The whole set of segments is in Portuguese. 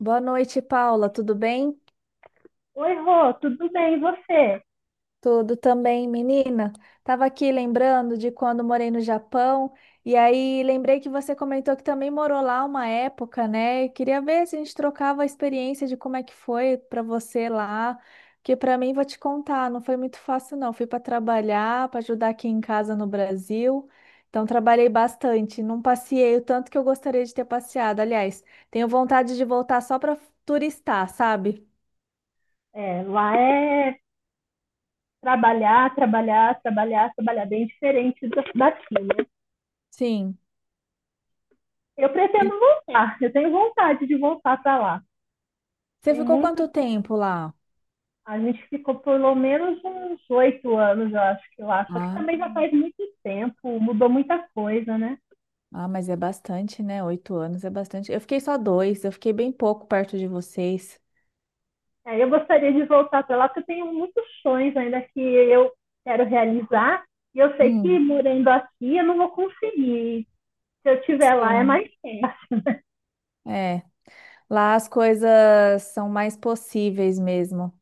Boa noite, Paula. Tudo bem? Oi, Rô, tudo bem, e você? Tudo também, menina. Tava aqui lembrando de quando morei no Japão e aí lembrei que você comentou que também morou lá uma época, né? E queria ver se a gente trocava a experiência de como é que foi para você lá, porque para mim vou te contar, não foi muito fácil não. Fui para trabalhar, para ajudar aqui em casa no Brasil. Então trabalhei bastante, não passeei o tanto que eu gostaria de ter passeado. Aliás, tenho vontade de voltar só para turistar, sabe? É, lá é trabalhar, trabalhar, trabalhar, trabalhar, bem diferente daqui, né? Sim. Eu pretendo voltar, eu tenho vontade de voltar para lá. Você Tem ficou muito. quanto tempo lá? A gente ficou por pelo menos uns 8 anos, eu acho que lá, só que Ah, também já faz muito tempo, mudou muita coisa, né? ah, mas é bastante, né? 8 anos é bastante. Eu fiquei só dois, eu fiquei bem pouco perto de vocês. É, eu gostaria de voltar para lá, porque eu tenho muitos sonhos ainda que eu quero realizar, e eu sei que Hum, morando aqui eu não vou conseguir. Se eu estiver lá, é sim, mais tempo. é. Lá as coisas são mais possíveis mesmo.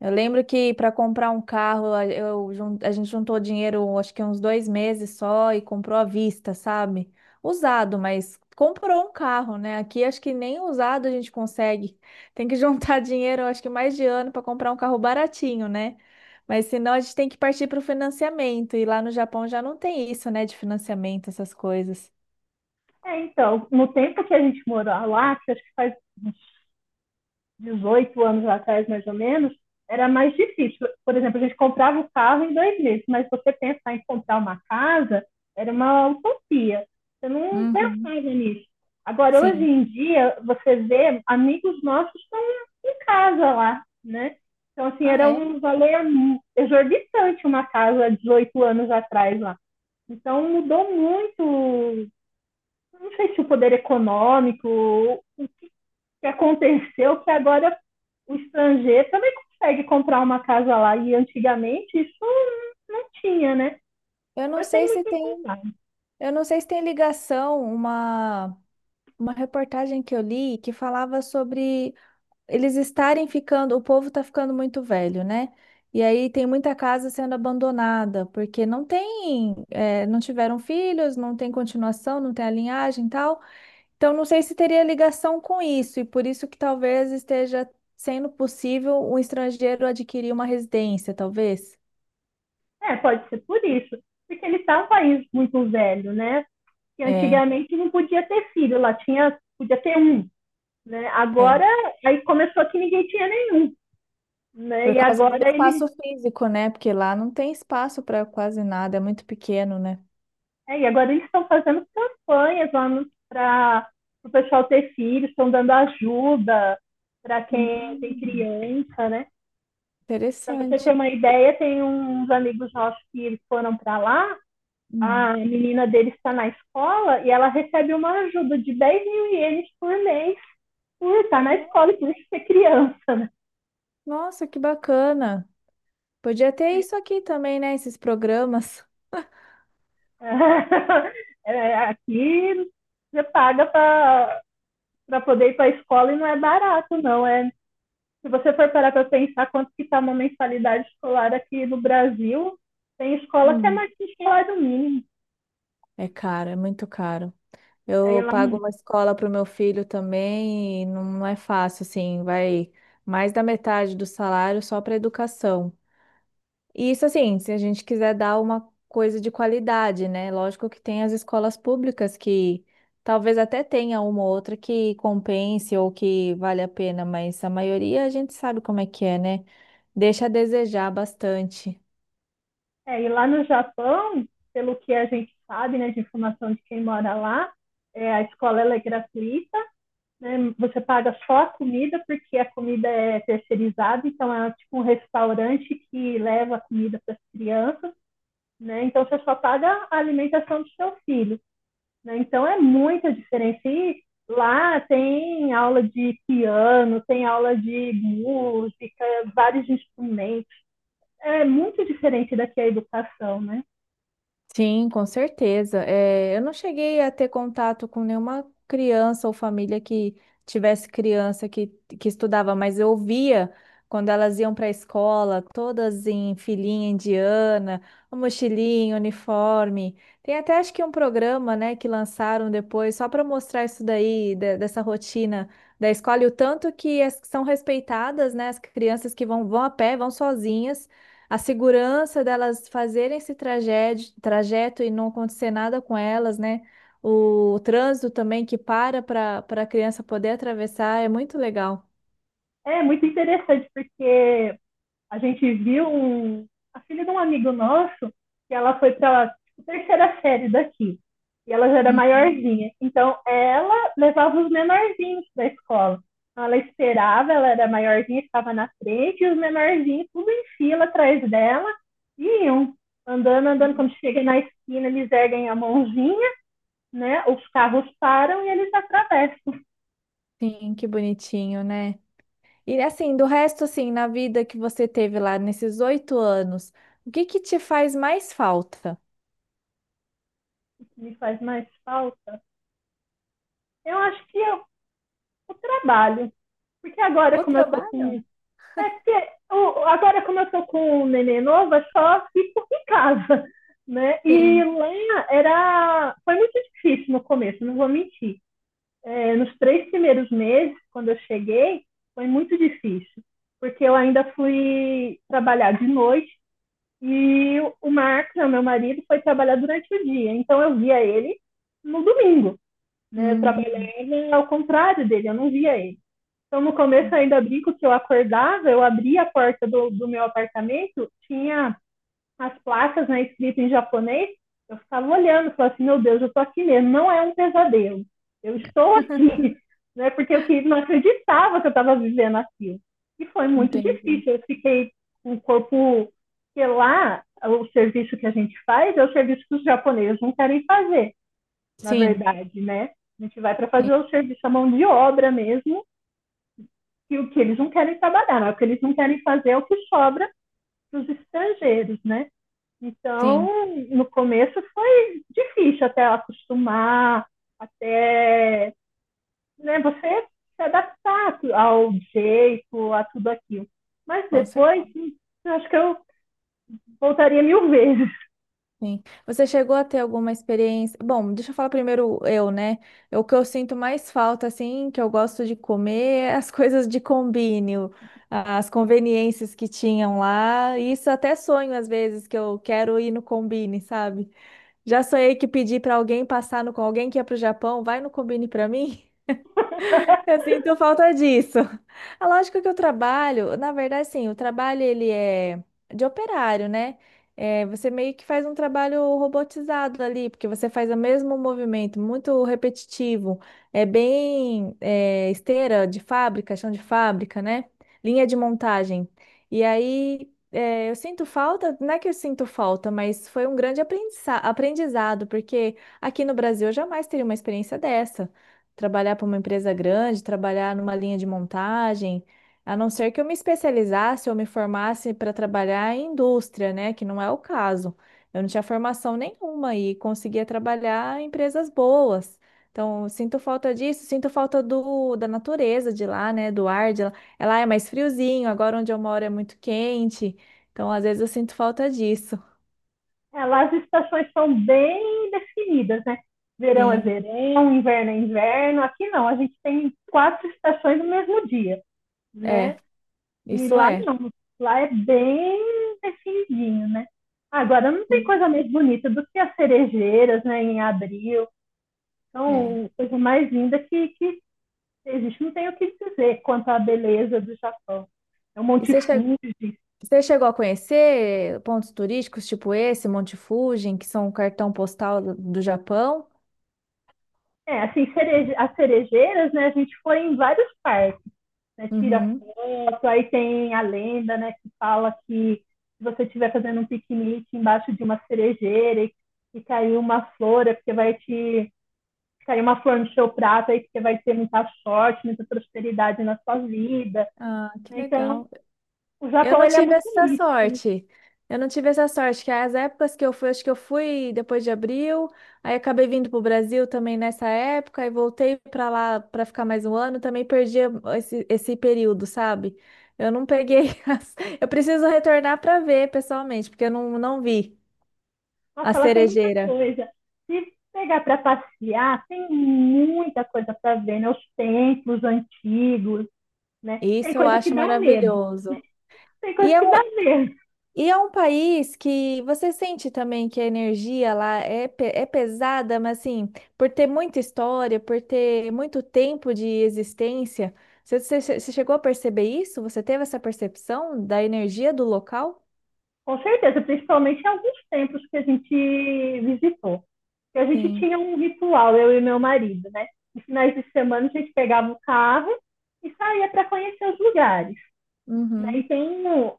Eu lembro que para comprar um carro, a gente juntou dinheiro, acho que uns 2 meses só, e comprou à vista, sabe? Usado, mas comprou um carro, né? Aqui acho que nem usado a gente consegue. Tem que juntar dinheiro, acho que mais de ano, para comprar um carro baratinho, né? Mas senão a gente tem que partir para o financiamento. E lá no Japão já não tem isso, né? De financiamento, essas coisas. É, então, no tempo que a gente morou lá, que acho que faz uns 18 anos atrás, mais ou menos, era mais difícil. Por exemplo, a gente comprava o carro em 2 meses, mas você pensar em comprar uma casa era uma utopia. Você não Uhum. pensava nisso. Agora, hoje Sim. em dia, você vê amigos nossos estão em casa lá, né? Então, assim, Ah, era é? um valor exorbitante uma casa há 18 anos atrás lá. Então, mudou muito, não sei se o poder econômico, o que aconteceu, que agora o estrangeiro também consegue comprar uma casa lá. E antigamente isso não tinha, né? Eu Então não eu tenho sei se muito em tem, contar. eu não sei se tem ligação, uma reportagem que eu li que falava sobre eles estarem ficando, o povo está ficando muito velho, né? E aí tem muita casa sendo abandonada, porque não tem, não tiveram filhos, não tem continuação, não tem a linhagem e tal. Então não sei se teria ligação com isso, e por isso que talvez esteja sendo possível um estrangeiro adquirir uma residência, talvez. É, pode ser por isso. Porque ele está um país muito velho, né? Que É, antigamente não podia ter filho, lá tinha, podia ter um. Né? é. Agora, aí começou que ninguém tinha nenhum. Né? Por E causa do agora espaço eles... físico, né? Porque lá não tem espaço para quase nada, é muito pequeno, né? É, e agora eles estão fazendo campanhas lá para o pessoal ter filhos, estão dando ajuda para quem tem Hum. criança, né? Para você ter Interessante. uma ideia, tem uns amigos nossos que eles foram para lá, Hum. a menina deles está na escola e ela recebe uma ajuda de 10 mil ienes por mês por estar na No- escola e por ser criança, né? Nossa, que bacana. Podia ter isso aqui também, né? Esses programas. É, aqui você paga para poder ir para a escola e não é barato, não. É, se você for parar para pensar quanto que está uma mensalidade escolar aqui no Brasil, tem escola que é Hum. mais que salário mínimo. É caro, é muito caro. Aí Eu lá, pago uma escola para o meu filho também e não é fácil, assim, vai mais da metade do salário só para educação. E isso assim, se a gente quiser dar uma coisa de qualidade, né? Lógico que tem as escolas públicas que talvez até tenha uma ou outra que compense ou que vale a pena, mas a maioria a gente sabe como é que é, né? Deixa a desejar bastante. é, e lá no Japão, pelo que a gente sabe, né, de informação de quem mora lá, é, a escola ela é gratuita, né, você paga só a comida, porque a comida é terceirizada, então é tipo um restaurante que leva a comida para as crianças, né, então você só paga a alimentação do seu filho. Né? Então é muito diferente. E lá tem aula de piano, tem aula de música, vários instrumentos. É muito diferente daqui a educação, né? Sim, com certeza. É, eu não cheguei a ter contato com nenhuma criança ou família que tivesse criança que estudava, mas eu via quando elas iam para a escola, todas em filinha indiana, mochilinha, uniforme. Tem até acho que um programa, né, que lançaram depois só para mostrar isso daí, dessa rotina da escola e o tanto que são respeitadas, né, as crianças que vão, vão a pé, vão sozinhas. A segurança delas fazerem esse trajeto, trajeto e não acontecer nada com elas, né? O trânsito também que para a criança poder atravessar é muito legal. É muito interessante porque a gente viu a filha de um amigo nosso, que ela foi para a terceira série daqui. E ela já era Uhum. maiorzinha. Então, ela levava os menorzinhos da escola. Então, ela esperava, ela era maiorzinha, estava na frente, e os menorzinhos, tudo em fila atrás dela, iam andando, andando. Quando chega na esquina, eles erguem a mãozinha, né? Os carros param e eles atravessam. Sim, que bonitinho, né? E assim, do resto, assim, na vida que você teve lá nesses 8 anos, o que que te faz mais falta? O que me faz mais falta. Eu acho que é o trabalho. Porque agora, O como eu tô trabalho? com... É porque agora, como eu tô com o neném novo, eu só fico em casa, né? E Sim. lá era... Foi muito difícil no começo, não vou mentir. É, nos 3 primeiros meses, quando eu cheguei, foi muito difícil. Porque eu ainda fui trabalhar de noite e Marcos, né, meu marido, foi trabalhar durante o dia. Então, eu via ele no domingo, né? Eu Hum, trabalhava ao contrário dele, eu não via ele. Então, no começo, eu ainda brinco que eu acordava, eu abria a porta do meu apartamento, tinha as placas, né, escritas em japonês, eu ficava olhando, falava assim, meu Deus, eu estou aqui mesmo, não é um pesadelo, eu estou aqui, né, porque eu não acreditava que eu estava vivendo aquilo. E foi muito entendi. difícil, eu fiquei com o corpo, porque lá o serviço que a gente faz é o serviço que os japoneses não querem fazer, na Sim, verdade, né? A gente vai para fazer sim, o serviço à mão de obra mesmo, e o que eles não querem trabalhar, não, o que eles não querem fazer é o que sobra para os estrangeiros, né? sim, Então, no começo foi difícil até acostumar, até, né, você se adaptar ao jeito, a tudo aquilo. Mas com depois, acho que eu voltaria mil vezes. Sim. Você chegou a ter alguma experiência? Bom, deixa eu falar primeiro eu, né? O que eu sinto mais falta, assim, que eu gosto de comer, é as coisas de combine, as conveniências que tinham lá. Isso até sonho às vezes que eu quero ir no combine, sabe? Já sonhei que pedi para alguém passar no com alguém que ia para o Japão, vai no combine para mim. Eu sinto falta disso. A lógica que eu trabalho, na verdade, sim, o trabalho ele é de operário, né? É, você meio que faz um trabalho robotizado ali, porque você faz o mesmo movimento, muito repetitivo. É bem é, esteira de fábrica, chão de fábrica, né? Linha de montagem. E aí é, eu sinto falta, não é que eu sinto falta, mas foi um grande aprendizado, porque aqui no Brasil eu jamais teria uma experiência dessa, trabalhar para uma empresa grande, trabalhar numa linha de montagem, a não ser que eu me especializasse ou me formasse para trabalhar em indústria, né? Que não é o caso. Eu não tinha formação nenhuma e conseguia trabalhar em empresas boas. Então, sinto falta disso, sinto falta do, da natureza de lá, né? Do ar de lá. É lá é mais friozinho, agora onde eu moro é muito quente. Então, às vezes eu sinto falta disso. Lá as estações são bem definidas, né? Verão é Sim, verão, inverno é inverno. Aqui não, a gente tem quatro estações no mesmo dia, né? é, E isso lá é. não. Lá é bem definidinho, né? Agora, não tem Sim. coisa mais bonita do que as cerejeiras, né, em abril. É. Então, coisa mais linda que existe. Não tem o que dizer quanto à beleza do Japão. É o E Monte você chegou Fuji. Você chegou a conhecer pontos turísticos tipo esse, Monte Fuji, que são o cartão postal do Japão? É, assim, as cerejeiras, né, a gente foi em vários parques, né, tira Uhum. foto, aí tem a lenda, né, que fala que se você estiver fazendo um piquenique embaixo de uma cerejeira e cair uma flor, é porque vai te sair uma flor no seu prato, aí que você vai ter muita sorte, muita prosperidade na sua vida. Ah, que Né? Então, legal. o Eu Japão não ele é tive muito essa místico. Né? sorte. Eu não tive essa sorte, que as épocas que eu fui, acho que eu fui depois de abril, aí acabei vindo para o Brasil também nessa época, e voltei para lá para ficar mais um ano, também perdi esse período, sabe? Eu não peguei as... Eu preciso retornar para ver pessoalmente, porque eu não, não vi a Nossa, ela tem muita cerejeira. coisa. Se pegar para passear, tem muita coisa para ver, né? Os templos antigos, né? Tem Isso eu coisa que acho dá medo. maravilhoso. Tem E coisa é que um, dá medo. e é um país que você sente também que a energia lá é, é pesada, mas assim, por ter muita história, por ter muito tempo de existência, você chegou a perceber isso? Você teve essa percepção da energia do local? Com certeza, principalmente em alguns tempos que a gente visitou. E a gente Sim. tinha um ritual, eu e meu marido, né? Nos finais de semana a gente pegava o carro e saía para conhecer os lugares. Né? E Uhum.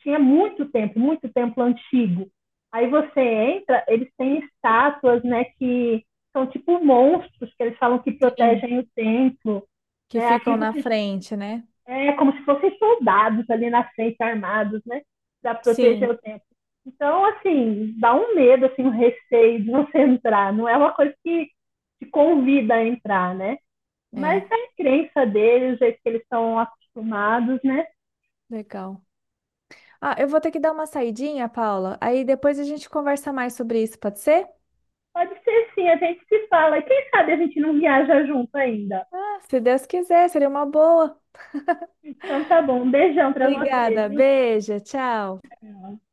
tinha muito templo antigo. Aí você entra, eles têm estátuas, né, que são tipo monstros, que eles falam que Sim. protegem o templo, Que né? Aí ficam na você frente, né? é, como se fossem soldados ali na frente, armados, né? Para proteger Sim. o templo. Então, assim, dá um medo, assim, um receio de você entrar. Não é uma coisa que te convida a entrar, né? Mas É, é a crença deles, o jeito que eles estão acostumados, né? legal. Ah, eu vou ter que dar uma saidinha, Paula. Aí depois a gente conversa mais sobre isso, pode ser? Pode ser sim, a gente se fala. E quem sabe a gente não viaja junto ainda. Se Deus quiser, seria uma boa. Então tá bom, um beijão pra vocês. Obrigada, beijo, tchau. Viu?